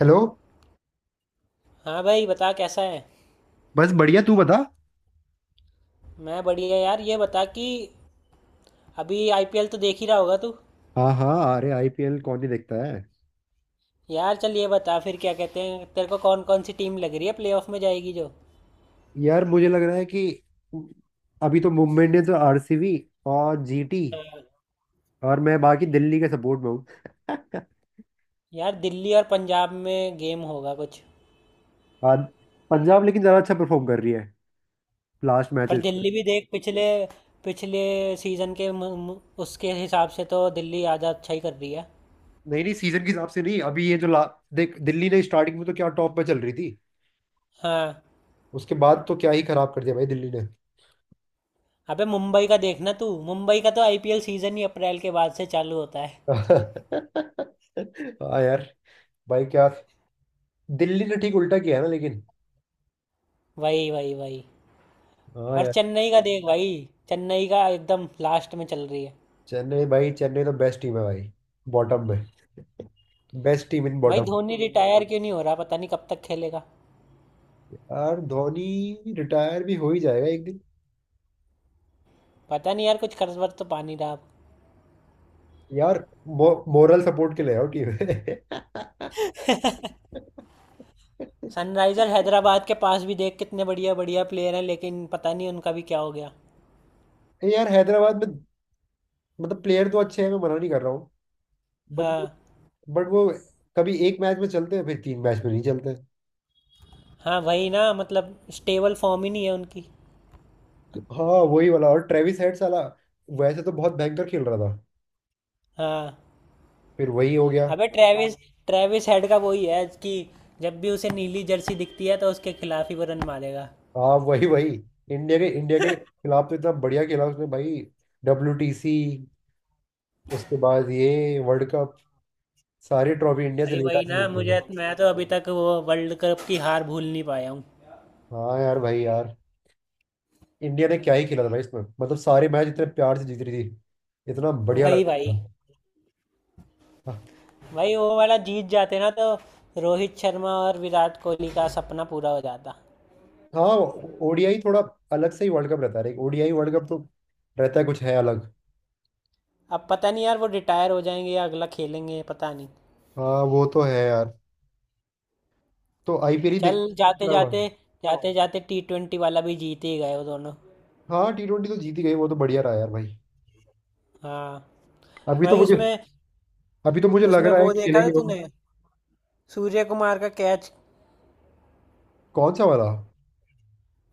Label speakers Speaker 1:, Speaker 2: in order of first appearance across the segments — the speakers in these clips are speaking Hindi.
Speaker 1: हेलो।
Speaker 2: हाँ भाई बता कैसा है।
Speaker 1: बस बढ़िया तू बता।
Speaker 2: मैं बढ़िया यार, ये बता कि अभी आईपीएल तो देख ही रहा होगा तू।
Speaker 1: हाँ हाँ, अरे आईपीएल कौन ही देखता है।
Speaker 2: यार चल ये बता फिर, क्या कहते हैं तेरे को, कौन कौन सी टीम लग रही है प्लेऑफ में जाएगी जो।
Speaker 1: यार मुझे लग रहा है कि अभी तो मुंबई इंडियंस और आरसीबी और जीटी, और मैं बाकी दिल्ली के सपोर्ट में हूँ।
Speaker 2: यार दिल्ली और पंजाब में गेम होगा कुछ।
Speaker 1: हाँ, पंजाब लेकिन ज़्यादा अच्छा परफॉर्म कर रही है लास्ट
Speaker 2: पर
Speaker 1: मैचेस में।
Speaker 2: दिल्ली भी देख पिछले पिछले सीजन के मु- मु- उसके हिसाब से तो दिल्ली आधा अच्छा ही कर रही है।
Speaker 1: नहीं नहीं, सीजन के हिसाब से नहीं, अभी ये जो ला, देख दिल्ली ने स्टार्टिंग में तो क्या टॉप पे चल रही थी।
Speaker 2: हाँ।
Speaker 1: उसके बाद तो क्या ही खराब कर दिया भाई दिल्ली ने।
Speaker 2: अबे मुंबई का देखना तू, मुंबई का तो आईपीएल सीजन ही अप्रैल के बाद से चालू होता है।
Speaker 1: हाँ यार, भाई क्या, दिल्ली ने ठीक उल्टा किया है ना लेकिन।
Speaker 2: वही वही वही। और
Speaker 1: हाँ।
Speaker 2: चेन्नई का देख भाई, चेन्नई का एकदम लास्ट में चल रही है।
Speaker 1: चेन्नई, भाई चेन्नई तो बेस्ट टीम है भाई, बॉटम में। बेस्ट टीम इन
Speaker 2: भाई
Speaker 1: बॉटम।
Speaker 2: धोनी रिटायर क्यों नहीं हो रहा, पता नहीं कब तक खेलेगा।
Speaker 1: यार धोनी रिटायर भी हो ही जाएगा एक दिन।
Speaker 2: पता नहीं यार कुछ कर्जवर तो पा नहीं रहा अब।
Speaker 1: यार मोरल सपोर्ट के लिए आओ टीम में।
Speaker 2: सनराइजर हैदराबाद के पास भी देख कितने बढ़िया बढ़िया प्लेयर हैं, लेकिन पता नहीं उनका भी क्या हो गया।
Speaker 1: यार हैदराबाद में मतलब प्लेयर तो अच्छे हैं, मैं मना नहीं कर रहा हूँ बट
Speaker 2: हाँ।
Speaker 1: बट वो कभी एक मैच में चलते हैं फिर तीन मैच में नहीं चलते।
Speaker 2: हाँ वही ना, मतलब स्टेबल फॉर्म ही नहीं है उनकी।
Speaker 1: हाँ वही वाला। और ट्रेविस हेड साला वैसे तो बहुत भयंकर खेल रहा था,
Speaker 2: हाँ।
Speaker 1: फिर वही हो गया।
Speaker 2: अबे ट्रेविस ट्रेविस हेड का वही है कि जब भी उसे नीली जर्सी दिखती है तो उसके खिलाफ ही वो रन मारेगा।
Speaker 1: हाँ वही वही। इंडिया के खिलाफ तो इतना बढ़िया खेला उसने भाई। डब्ल्यूटीसी, उसके बाद ये वर्ल्ड कप, सारी ट्रॉफी इंडिया से
Speaker 2: भाई वही
Speaker 1: लेकर
Speaker 2: ना,
Speaker 1: आया
Speaker 2: मुझे,
Speaker 1: है।
Speaker 2: मैं तो अभी तक वो वर्ल्ड कप की हार भूल नहीं पाया हूँ।
Speaker 1: हाँ यार, भाई यार, इंडिया ने क्या ही खेला था भाई इसमें, मतलब सारे मैच इतने प्यार से जीत रही थी, इतना बढ़िया लग
Speaker 2: वही भाई।
Speaker 1: रहा था।
Speaker 2: भाई वो वाला जीत जाते ना तो रोहित शर्मा और विराट कोहली का सपना पूरा हो जाता।
Speaker 1: हाँ, ओडीआई थोड़ा अलग से ही वर्ल्ड कप रहता है, ओडीआई वर्ल्ड कप तो रहता है, कुछ है अलग।
Speaker 2: अब पता नहीं यार वो रिटायर हो जाएंगे या अगला खेलेंगे, पता नहीं।
Speaker 1: हाँ वो तो है यार, तो आईपीएल ही
Speaker 2: चल
Speaker 1: देख
Speaker 2: जाते
Speaker 1: क्या हुआ।
Speaker 2: जाते जाते जाते टी ट्वेंटी वाला भी जीत ही गए वो दोनों।
Speaker 1: हाँ टी ट्वेंटी तो जीत ही गई, वो तो बढ़िया रहा यार भाई।
Speaker 2: हाँ
Speaker 1: अभी तो
Speaker 2: भाई।
Speaker 1: मुझे
Speaker 2: उसमें
Speaker 1: अभी तो मुझे लग
Speaker 2: उसमें
Speaker 1: रहा है
Speaker 2: वो देखा था
Speaker 1: खेलेंगे वो।
Speaker 2: तूने, सूर्य कुमार का कैच।
Speaker 1: कौन सा वाला?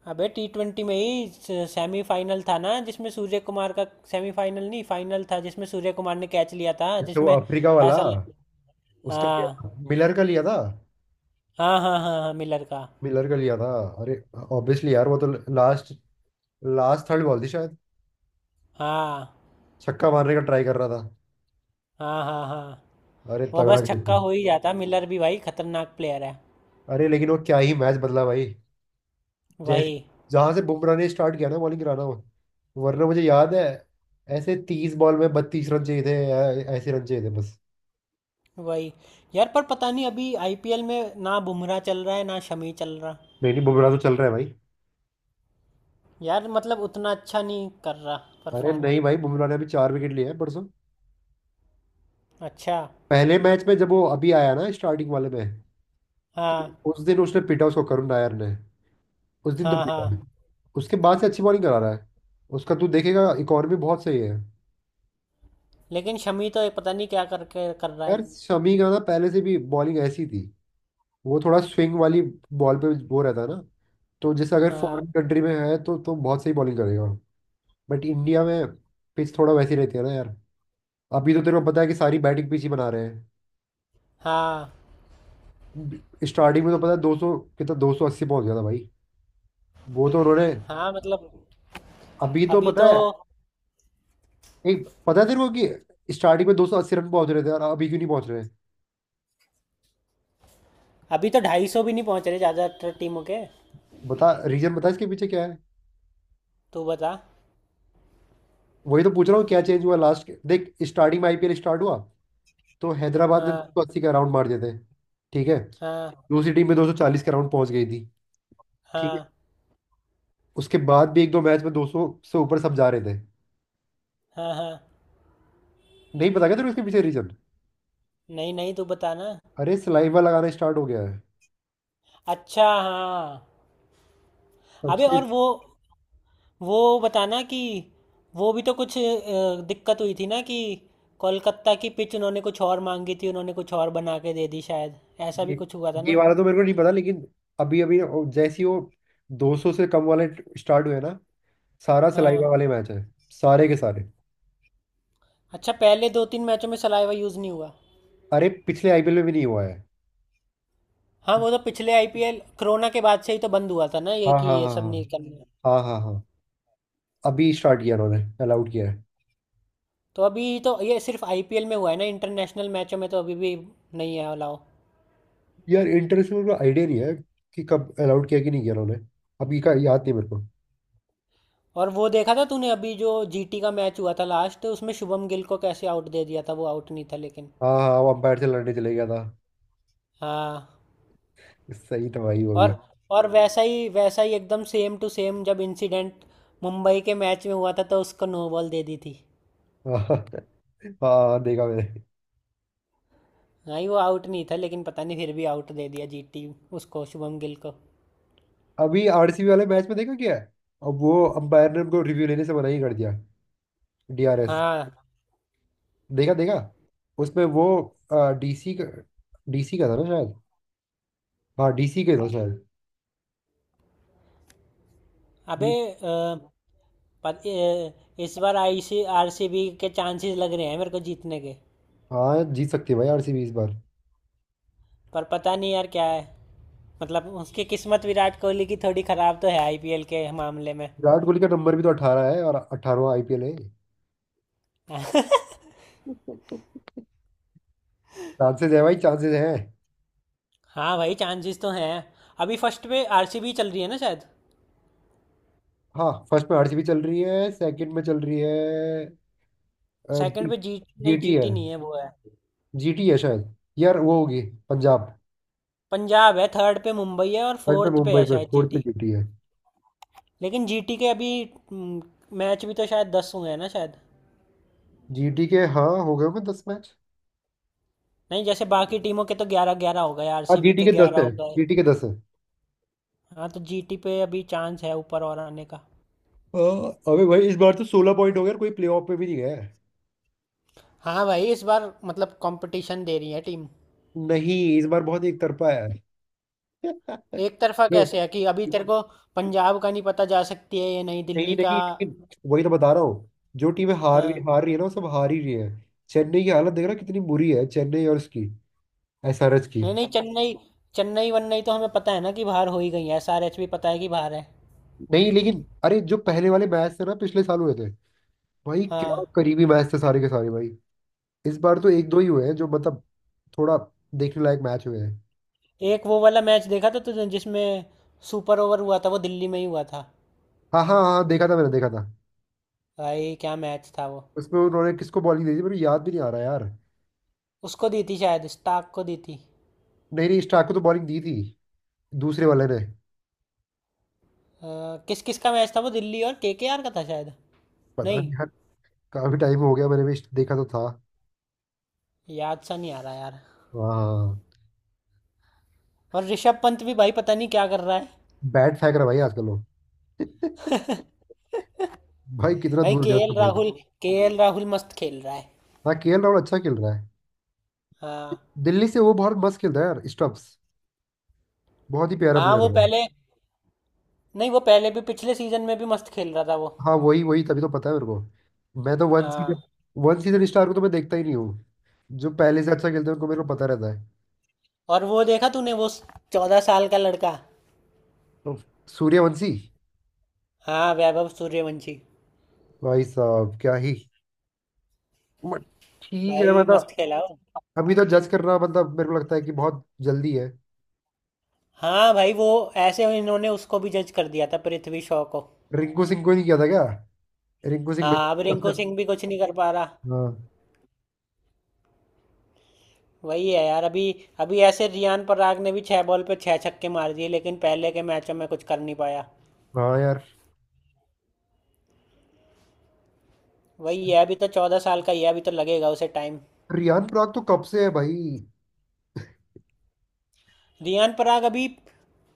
Speaker 2: अबे टी ट्वेंटी में ही सेमीफाइनल था ना, जिसमें सूर्य कुमार का, सेमीफाइनल नहीं फाइनल था, जिसमें सूर्य कुमार ने कैच लिया था,
Speaker 1: अच्छा वो
Speaker 2: जिसमें
Speaker 1: अफ्रीका वाला,
Speaker 2: ऐसा लग।
Speaker 1: उसका लिया था,
Speaker 2: हाँ
Speaker 1: मिलर का लिया था।
Speaker 2: हाँ हाँ हाँ हाँ, मिलर का।
Speaker 1: मिलर का लिया था। अरे ऑब्वियसली यार, वो तो लास्ट लास्ट थर्ड बॉल थी शायद।
Speaker 2: हाँ
Speaker 1: छक्का मारने का ट्राई कर रहा था।
Speaker 2: हाँ हाँ हाँ।
Speaker 1: अरे
Speaker 2: वो
Speaker 1: तगड़ा
Speaker 2: बस
Speaker 1: खेल
Speaker 2: छक्का
Speaker 1: था।
Speaker 2: हो ही जाता, मिलर भी भाई खतरनाक प्लेयर है।
Speaker 1: अरे लेकिन वो क्या ही मैच बदला भाई, जैसे
Speaker 2: वही
Speaker 1: जहां से बुमराह ने स्टार्ट किया ना बॉलिंग कराना, वो वरना मुझे याद है। ऐसे तीस बॉल में बत्तीस रन चाहिए थे, ऐसे रन चाहिए थे बस।
Speaker 2: वही। यार पर पता नहीं अभी आईपीएल में ना बुमराह चल रहा है ना शमी चल रहा।
Speaker 1: नहीं नहीं, बुमराह तो चल रहा है भाई।
Speaker 2: यार मतलब उतना अच्छा नहीं कर रहा
Speaker 1: अरे
Speaker 2: परफॉर्म।
Speaker 1: नहीं भाई, बुमराह ने अभी चार विकेट लिए हैं परसों।
Speaker 2: अच्छा।
Speaker 1: पहले मैच में जब वो अभी आया ना, स्टार्टिंग वाले में,
Speaker 2: हाँ
Speaker 1: उस दिन उसने पीटा उसको करुण नायर ने। उस दिन तो
Speaker 2: हाँ
Speaker 1: पीटा है।
Speaker 2: हाँ।
Speaker 1: उसके बाद से अच्छी बॉलिंग करा रहा है, उसका तू देखेगा इकॉनमी बहुत सही है।
Speaker 2: लेकिन शमी तो ये पता नहीं क्या करके कर रहा है।
Speaker 1: यार शमी का ना पहले से भी बॉलिंग ऐसी थी, वो थोड़ा स्विंग वाली बॉल पे वो रहता है ना, तो जैसे अगर
Speaker 2: हाँ
Speaker 1: फॉरेन कंट्री में है तो बहुत सही बॉलिंग करेगा। बट इंडिया में पिच थोड़ा वैसी रहती है ना यार। अभी तो तेरे को पता है कि सारी बैटिंग पिच ही बना रहे
Speaker 2: हाँ
Speaker 1: हैं। स्टार्टिंग में तो पता है दो सौ कितना, दो सौ अस्सी पहुंच गया था भाई, वो तो उन्होंने।
Speaker 2: हाँ मतलब
Speaker 1: अभी तो
Speaker 2: अभी
Speaker 1: पता
Speaker 2: तो।
Speaker 1: है, एक पता है तेरे को कि स्टार्टिंग में दो सौ अस्सी रन पहुंच रहे थे और अभी क्यों नहीं पहुंच रहे।
Speaker 2: अभी तो 250 भी नहीं पहुंच रहे ज़्यादातर टीमों के।
Speaker 1: बता, रीजन बता इसके पीछे क्या है।
Speaker 2: तू बता।
Speaker 1: वही तो पूछ रहा हूँ क्या चेंज हुआ, लास्ट के देख, स्टार्टिंग में आईपीएल स्टार्ट हुआ तो हैदराबाद ने दो सौ
Speaker 2: हाँ
Speaker 1: अस्सी का राउंड मार दिए थे। ठीक है।
Speaker 2: हाँ
Speaker 1: दूसरी टीम में दो सौ चालीस का राउंड पहुंच गई थी। ठीक है।
Speaker 2: हाँ
Speaker 1: उसके बाद भी एक दो मैच में दो सौ से ऊपर सब जा रहे थे।
Speaker 2: हाँ हाँ।
Speaker 1: नहीं पता क्या तेरे को इसके पीछे रीजन?
Speaker 2: नहीं नहीं तू बता ना।
Speaker 1: अरे सलाइवा लगाना स्टार्ट हो गया है
Speaker 2: अच्छा हाँ। अबे
Speaker 1: सबसे।
Speaker 2: और वो बताना कि वो भी तो कुछ दिक्कत हुई थी ना कि कोलकाता की पिच उन्होंने कुछ और मांगी थी, उन्होंने कुछ और बना के दे दी शायद, ऐसा भी
Speaker 1: ये
Speaker 2: कुछ हुआ था
Speaker 1: ये
Speaker 2: ना।
Speaker 1: वाला तो मेरे को नहीं पता लेकिन, अभी अभी जैसे ही वो 200 से कम वाले स्टार्ट हुए ना, सारा सलाइवा
Speaker 2: हाँ।
Speaker 1: वाले मैच है, सारे के सारे।
Speaker 2: अच्छा पहले दो तीन मैचों में सलाइवा यूज़ नहीं हुआ।
Speaker 1: अरे पिछले आईपीएल में भी नहीं हुआ है।
Speaker 2: हाँ वो तो पिछले आईपीएल कोरोना के बाद से ही तो बंद हुआ था ना, ये
Speaker 1: हाँ
Speaker 2: कि
Speaker 1: हाँ
Speaker 2: ये
Speaker 1: हाँ
Speaker 2: सब नहीं करना।
Speaker 1: हाँ। हाँ हाँ हाँ, अभी स्टार्ट किया उन्होंने, अलाउड किया है।
Speaker 2: तो अभी तो ये सिर्फ आईपीएल में हुआ है ना, इंटरनेशनल मैचों में तो अभी भी नहीं है अलाउ।
Speaker 1: यार इंटरनेशनल का आइडिया नहीं है कि कब अलाउड किया कि नहीं किया उन्होंने, अभी का याद नहीं मेरे को।
Speaker 2: और वो देखा था तूने अभी जो जीटी का मैच हुआ था लास्ट, उसमें शुभम गिल को कैसे आउट दे दिया था, वो आउट नहीं था लेकिन।
Speaker 1: हाँ हाँ, वो अंपायर से लड़ने चले गया था।
Speaker 2: हाँ।
Speaker 1: सही था भाई वो भी।
Speaker 2: और और वैसा ही एकदम सेम टू सेम जब इंसिडेंट मुंबई के मैच में हुआ था, तो उसको नो बॉल दे दी थी।
Speaker 1: हाँ, हाँ, देखा मैंने।
Speaker 2: हाँ ही, वो आउट नहीं था लेकिन पता नहीं फिर भी आउट दे दिया जीटी उसको, शुभम गिल को।
Speaker 1: अभी आरसीबी वाले मैच में देखा क्या है, अब वो अंपायर ने उनको रिव्यू लेने से मना ही कर दिया, डीआरएस।
Speaker 2: हाँ
Speaker 1: देखा देखा, उसमें वो डीसी का डीसी का था ना शायद, हाँ डीसी के था शायद।
Speaker 2: अबे
Speaker 1: डी-
Speaker 2: इस बार आईसी आरसीबी के चांसेस लग रहे हैं मेरे को जीतने के।
Speaker 1: हाँ जीत सकती है भाई आरसीबी इस बार।
Speaker 2: पर पता नहीं यार क्या है, मतलब उसकी किस्मत, विराट कोहली की थोड़ी ख़राब तो है आईपीएल के मामले में।
Speaker 1: विराट कोहली का नंबर भी तो 18 है और 18वां आईपीएल है। चांसेस है भाई, चांसेस है।
Speaker 2: हाँ भाई चांसेस तो हैं। अभी फर्स्ट पे आरसीबी चल रही है ना शायद।
Speaker 1: हाँ फर्स्ट में आरसीबी चल रही है, सेकंड में चल रही है।
Speaker 2: सेकंड
Speaker 1: जी,
Speaker 2: पे जीट नहीं,
Speaker 1: जीटी है,
Speaker 2: जीटी नहीं है, वो है
Speaker 1: जीटी है शायद, यार वो होगी पंजाब।
Speaker 2: पंजाब। है थर्ड पे मुंबई है और
Speaker 1: थर्ड पे
Speaker 2: फोर्थ पे
Speaker 1: मुंबई
Speaker 2: है
Speaker 1: पे,
Speaker 2: शायद
Speaker 1: फोर्थ पे
Speaker 2: जीटी।
Speaker 1: जीटी है।
Speaker 2: लेकिन जीटी के अभी मैच भी तो शायद 10 हुए हैं ना शायद।
Speaker 1: जीटी के, हाँ हो गए होंगे दस मैच।
Speaker 2: नहीं, जैसे बाकी टीमों के तो 11 11 हो गए,
Speaker 1: हाँ
Speaker 2: आरसीबी
Speaker 1: जीटी
Speaker 2: के
Speaker 1: के दस
Speaker 2: 11
Speaker 1: है,
Speaker 2: हो गए।
Speaker 1: जीटी के दस है।
Speaker 2: हाँ, तो जीटी पे अभी चांस है ऊपर और आने का।
Speaker 1: हाँ, अबे भाई इस बार तो सोलह पॉइंट हो गया और कोई प्लेऑफ में भी नहीं गया है।
Speaker 2: हाँ भाई इस बार मतलब कंपटीशन दे रही है टीम।
Speaker 1: नहीं इस बार बहुत एक तरफा है।
Speaker 2: एक तरफा
Speaker 1: जो,
Speaker 2: कैसे है कि अभी तेरे को पंजाब का नहीं पता, जा सकती है ये, नहीं
Speaker 1: नहीं
Speaker 2: दिल्ली का।
Speaker 1: नहीं नहीं, वही तो बता रहा हूँ। जो टीमें हार
Speaker 2: हाँ,
Speaker 1: रही, हार रही है ना, वो सब हार ही रही है। चेन्नई की हालत देख रहा है कितनी बुरी है, चेन्नई और उसकी एसआरएच की।
Speaker 2: नहीं नहीं चेन्नई, चेन्नई वन्नई तो हमें पता है ना कि बाहर हो ही गई है, एसआरएच भी पता है कि बाहर है।
Speaker 1: नहीं लेकिन अरे जो पहले वाले मैच थे ना, पिछले साल हुए थे भाई, क्या
Speaker 2: हाँ।
Speaker 1: करीबी मैच थे सारे के सारे भाई। इस बार तो एक दो ही हुए हैं जो मतलब थोड़ा देखने लायक मैच हुए हैं।
Speaker 2: एक वो वाला मैच देखा था तुझे जिसमें सुपर ओवर हुआ था, वो दिल्ली में ही हुआ था,
Speaker 1: हाँ हाँ हाँ, देखा था मैंने, देखा था।
Speaker 2: भाई क्या मैच था वो।
Speaker 1: उसमें उन्होंने किसको बॉलिंग दी थी मेरे को याद भी नहीं आ रहा यार।
Speaker 2: उसको दी थी शायद, स्टार्क को दी थी।
Speaker 1: नहीं नहीं स्टार्क को तो बॉलिंग दी थी, दूसरे वाले ने।
Speaker 2: किस किस का मैच था वो, दिल्ली और केकेआर का था शायद।
Speaker 1: पता
Speaker 2: नहीं,
Speaker 1: नहीं यार, काफी टाइम हो गया, मैंने भी देखा तो था।
Speaker 2: याद सा नहीं आ रहा यार।
Speaker 1: हाँ,
Speaker 2: और ऋषभ पंत भी भाई पता नहीं क्या कर रहा है।
Speaker 1: बैट फेंक रहा है भाई आजकल वो। भाई कितना
Speaker 2: भाई
Speaker 1: दूर गया उसका
Speaker 2: KL
Speaker 1: bat.
Speaker 2: Rahul KL Rahul मस्त खेल रहा है।
Speaker 1: हाँ के एल राहुल अच्छा खेल रहा है।
Speaker 2: हाँ।
Speaker 1: दिल्ली से वो बहुत मस्त खेलता है यार स्टम्प्स, बहुत ही प्यारा
Speaker 2: हाँ
Speaker 1: प्लेयर
Speaker 2: वो
Speaker 1: है।
Speaker 2: पहले, नहीं वो पहले भी पिछले सीजन में भी मस्त खेल रहा था वो।
Speaker 1: हाँ वही वही, तभी तो पता है मेरे को। मैं तो वन
Speaker 2: हाँ
Speaker 1: सीजन वन सीजन स्टार को तो मैं देखता ही नहीं हूँ। जो पहले से अच्छा खेलते हैं उनको मेरे को पता रहता है।
Speaker 2: और वो देखा तूने वो 14 साल का लड़का।
Speaker 1: तो सूर्यवंशी,
Speaker 2: हाँ वैभव सूर्यवंशी,
Speaker 1: भाई साहब क्या ही, मत- ठीक है
Speaker 2: भाई मस्त
Speaker 1: मतलब,
Speaker 2: खेला वो।
Speaker 1: अभी तो जज करना मतलब मेरे को लगता है कि बहुत जल्दी है।
Speaker 2: हाँ भाई वो ऐसे इन्होंने उसको भी जज कर दिया था, पृथ्वी शॉ को।
Speaker 1: रिंकू सिंह को नहीं किया था क्या? रिंकू सिंह
Speaker 2: हाँ,
Speaker 1: मेरे
Speaker 2: अब
Speaker 1: को,
Speaker 2: रिंकू
Speaker 1: लगता
Speaker 2: सिंह भी कुछ नहीं कर पा रहा।
Speaker 1: है, हाँ
Speaker 2: वही है यार अभी। अभी ऐसे रियान पराग ने भी 6 बॉल पे 6 छक्के मार दिए, लेकिन पहले के मैचों में कुछ कर नहीं पाया।
Speaker 1: हाँ यार।
Speaker 2: वही है, अभी तो 14 साल का ही है, अभी तो लगेगा उसे टाइम।
Speaker 1: रियान पराग तो कब से है भाई।
Speaker 2: रियान पराग अभी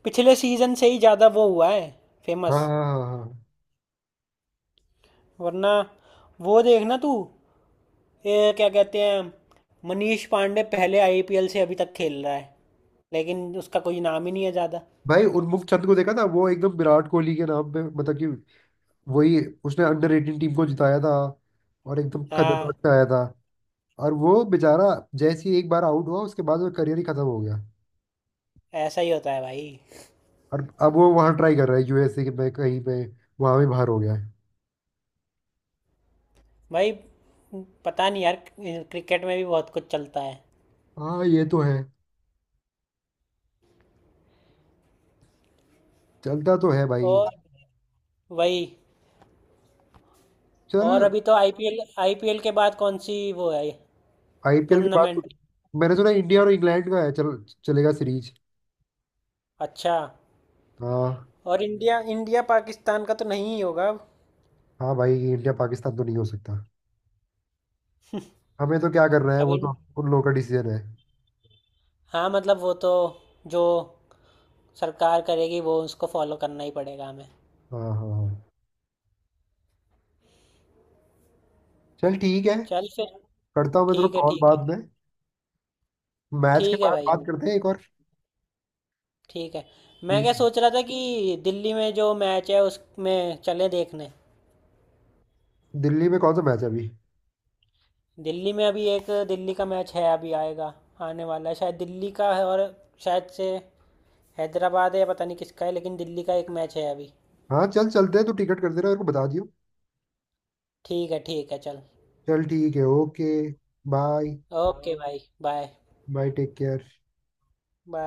Speaker 2: पिछले सीजन से ही ज़्यादा वो हुआ है
Speaker 1: हाँ
Speaker 2: फेमस।
Speaker 1: हाँ हाँ हाँ।
Speaker 2: वरना वो देखना तू, ये क्या कहते हैं, मनीष पांडे पहले आईपीएल से अभी तक खेल रहा है, लेकिन उसका कोई नाम ही नहीं है ज़्यादा।
Speaker 1: भाई उन्मुख चंद को देखा था, वो एकदम विराट कोहली के नाम पे मतलब कि, वही, उसने अंडर एटीन टीम को जिताया था, और एकदम खतरनाक
Speaker 2: हाँ
Speaker 1: से आया था। और वो बेचारा जैसे ही एक बार आउट हुआ, उसके बाद वो करियर ही खत्म हो गया।
Speaker 2: ऐसा ही होता है भाई।
Speaker 1: और अब वो वहां ट्राई कर रहा है यूएसए के में कहीं पे, वहां भी बाहर हो गया है।
Speaker 2: भाई पता नहीं यार क्रिकेट में भी बहुत कुछ चलता है।
Speaker 1: हाँ ये तो है, चलता तो है भाई।
Speaker 2: और वही।
Speaker 1: चल
Speaker 2: और अभी तो आईपीएल आईपीएल के बाद कौन सी वो है,
Speaker 1: आईपीएल के बाद,
Speaker 2: टूर्नामेंट।
Speaker 1: मैंने सुना इंडिया और इंग्लैंड का है, चल चलेगा सीरीज।
Speaker 2: अच्छा।
Speaker 1: हाँ।
Speaker 2: और इंडिया इंडिया पाकिस्तान का तो नहीं ही होगा अब।
Speaker 1: हाँ भाई इंडिया पाकिस्तान तो नहीं हो सकता, हमें तो क्या करना है,
Speaker 2: अब
Speaker 1: वो तो
Speaker 2: इन,
Speaker 1: उन लोगों का डिसीजन है।
Speaker 2: हाँ मतलब वो तो, जो सरकार करेगी वो उसको फॉलो करना ही पड़ेगा हमें।
Speaker 1: हाँ हाँ हाँ, चल ठीक है।
Speaker 2: चल फिर।
Speaker 1: करता हूँ मैं तेरे को
Speaker 2: ठीक है
Speaker 1: कॉल
Speaker 2: ठीक है।
Speaker 1: बाद में, मैच के
Speaker 2: ठीक है
Speaker 1: बाद
Speaker 2: भाई
Speaker 1: बात करते हैं एक और।
Speaker 2: ठीक है। मैं
Speaker 1: ठीक
Speaker 2: क्या
Speaker 1: है।
Speaker 2: सोच रहा था कि दिल्ली में जो मैच है उसमें चले देखने।
Speaker 1: दिल्ली में कौन सा मैच है अभी?
Speaker 2: दिल्ली में अभी एक दिल्ली का मैच है अभी आएगा, आने वाला है शायद, दिल्ली का है, और शायद से हैदराबाद है, पता नहीं किसका है, लेकिन दिल्ली का एक मैच है अभी।
Speaker 1: हाँ चल चलते हैं, तू टिकट कर देना मेरे को बता दियो।
Speaker 2: ठीक है चल।
Speaker 1: चल ठीक है, ओके, बाय।
Speaker 2: ओके भाई bye.
Speaker 1: Bye, take care.
Speaker 2: Bye.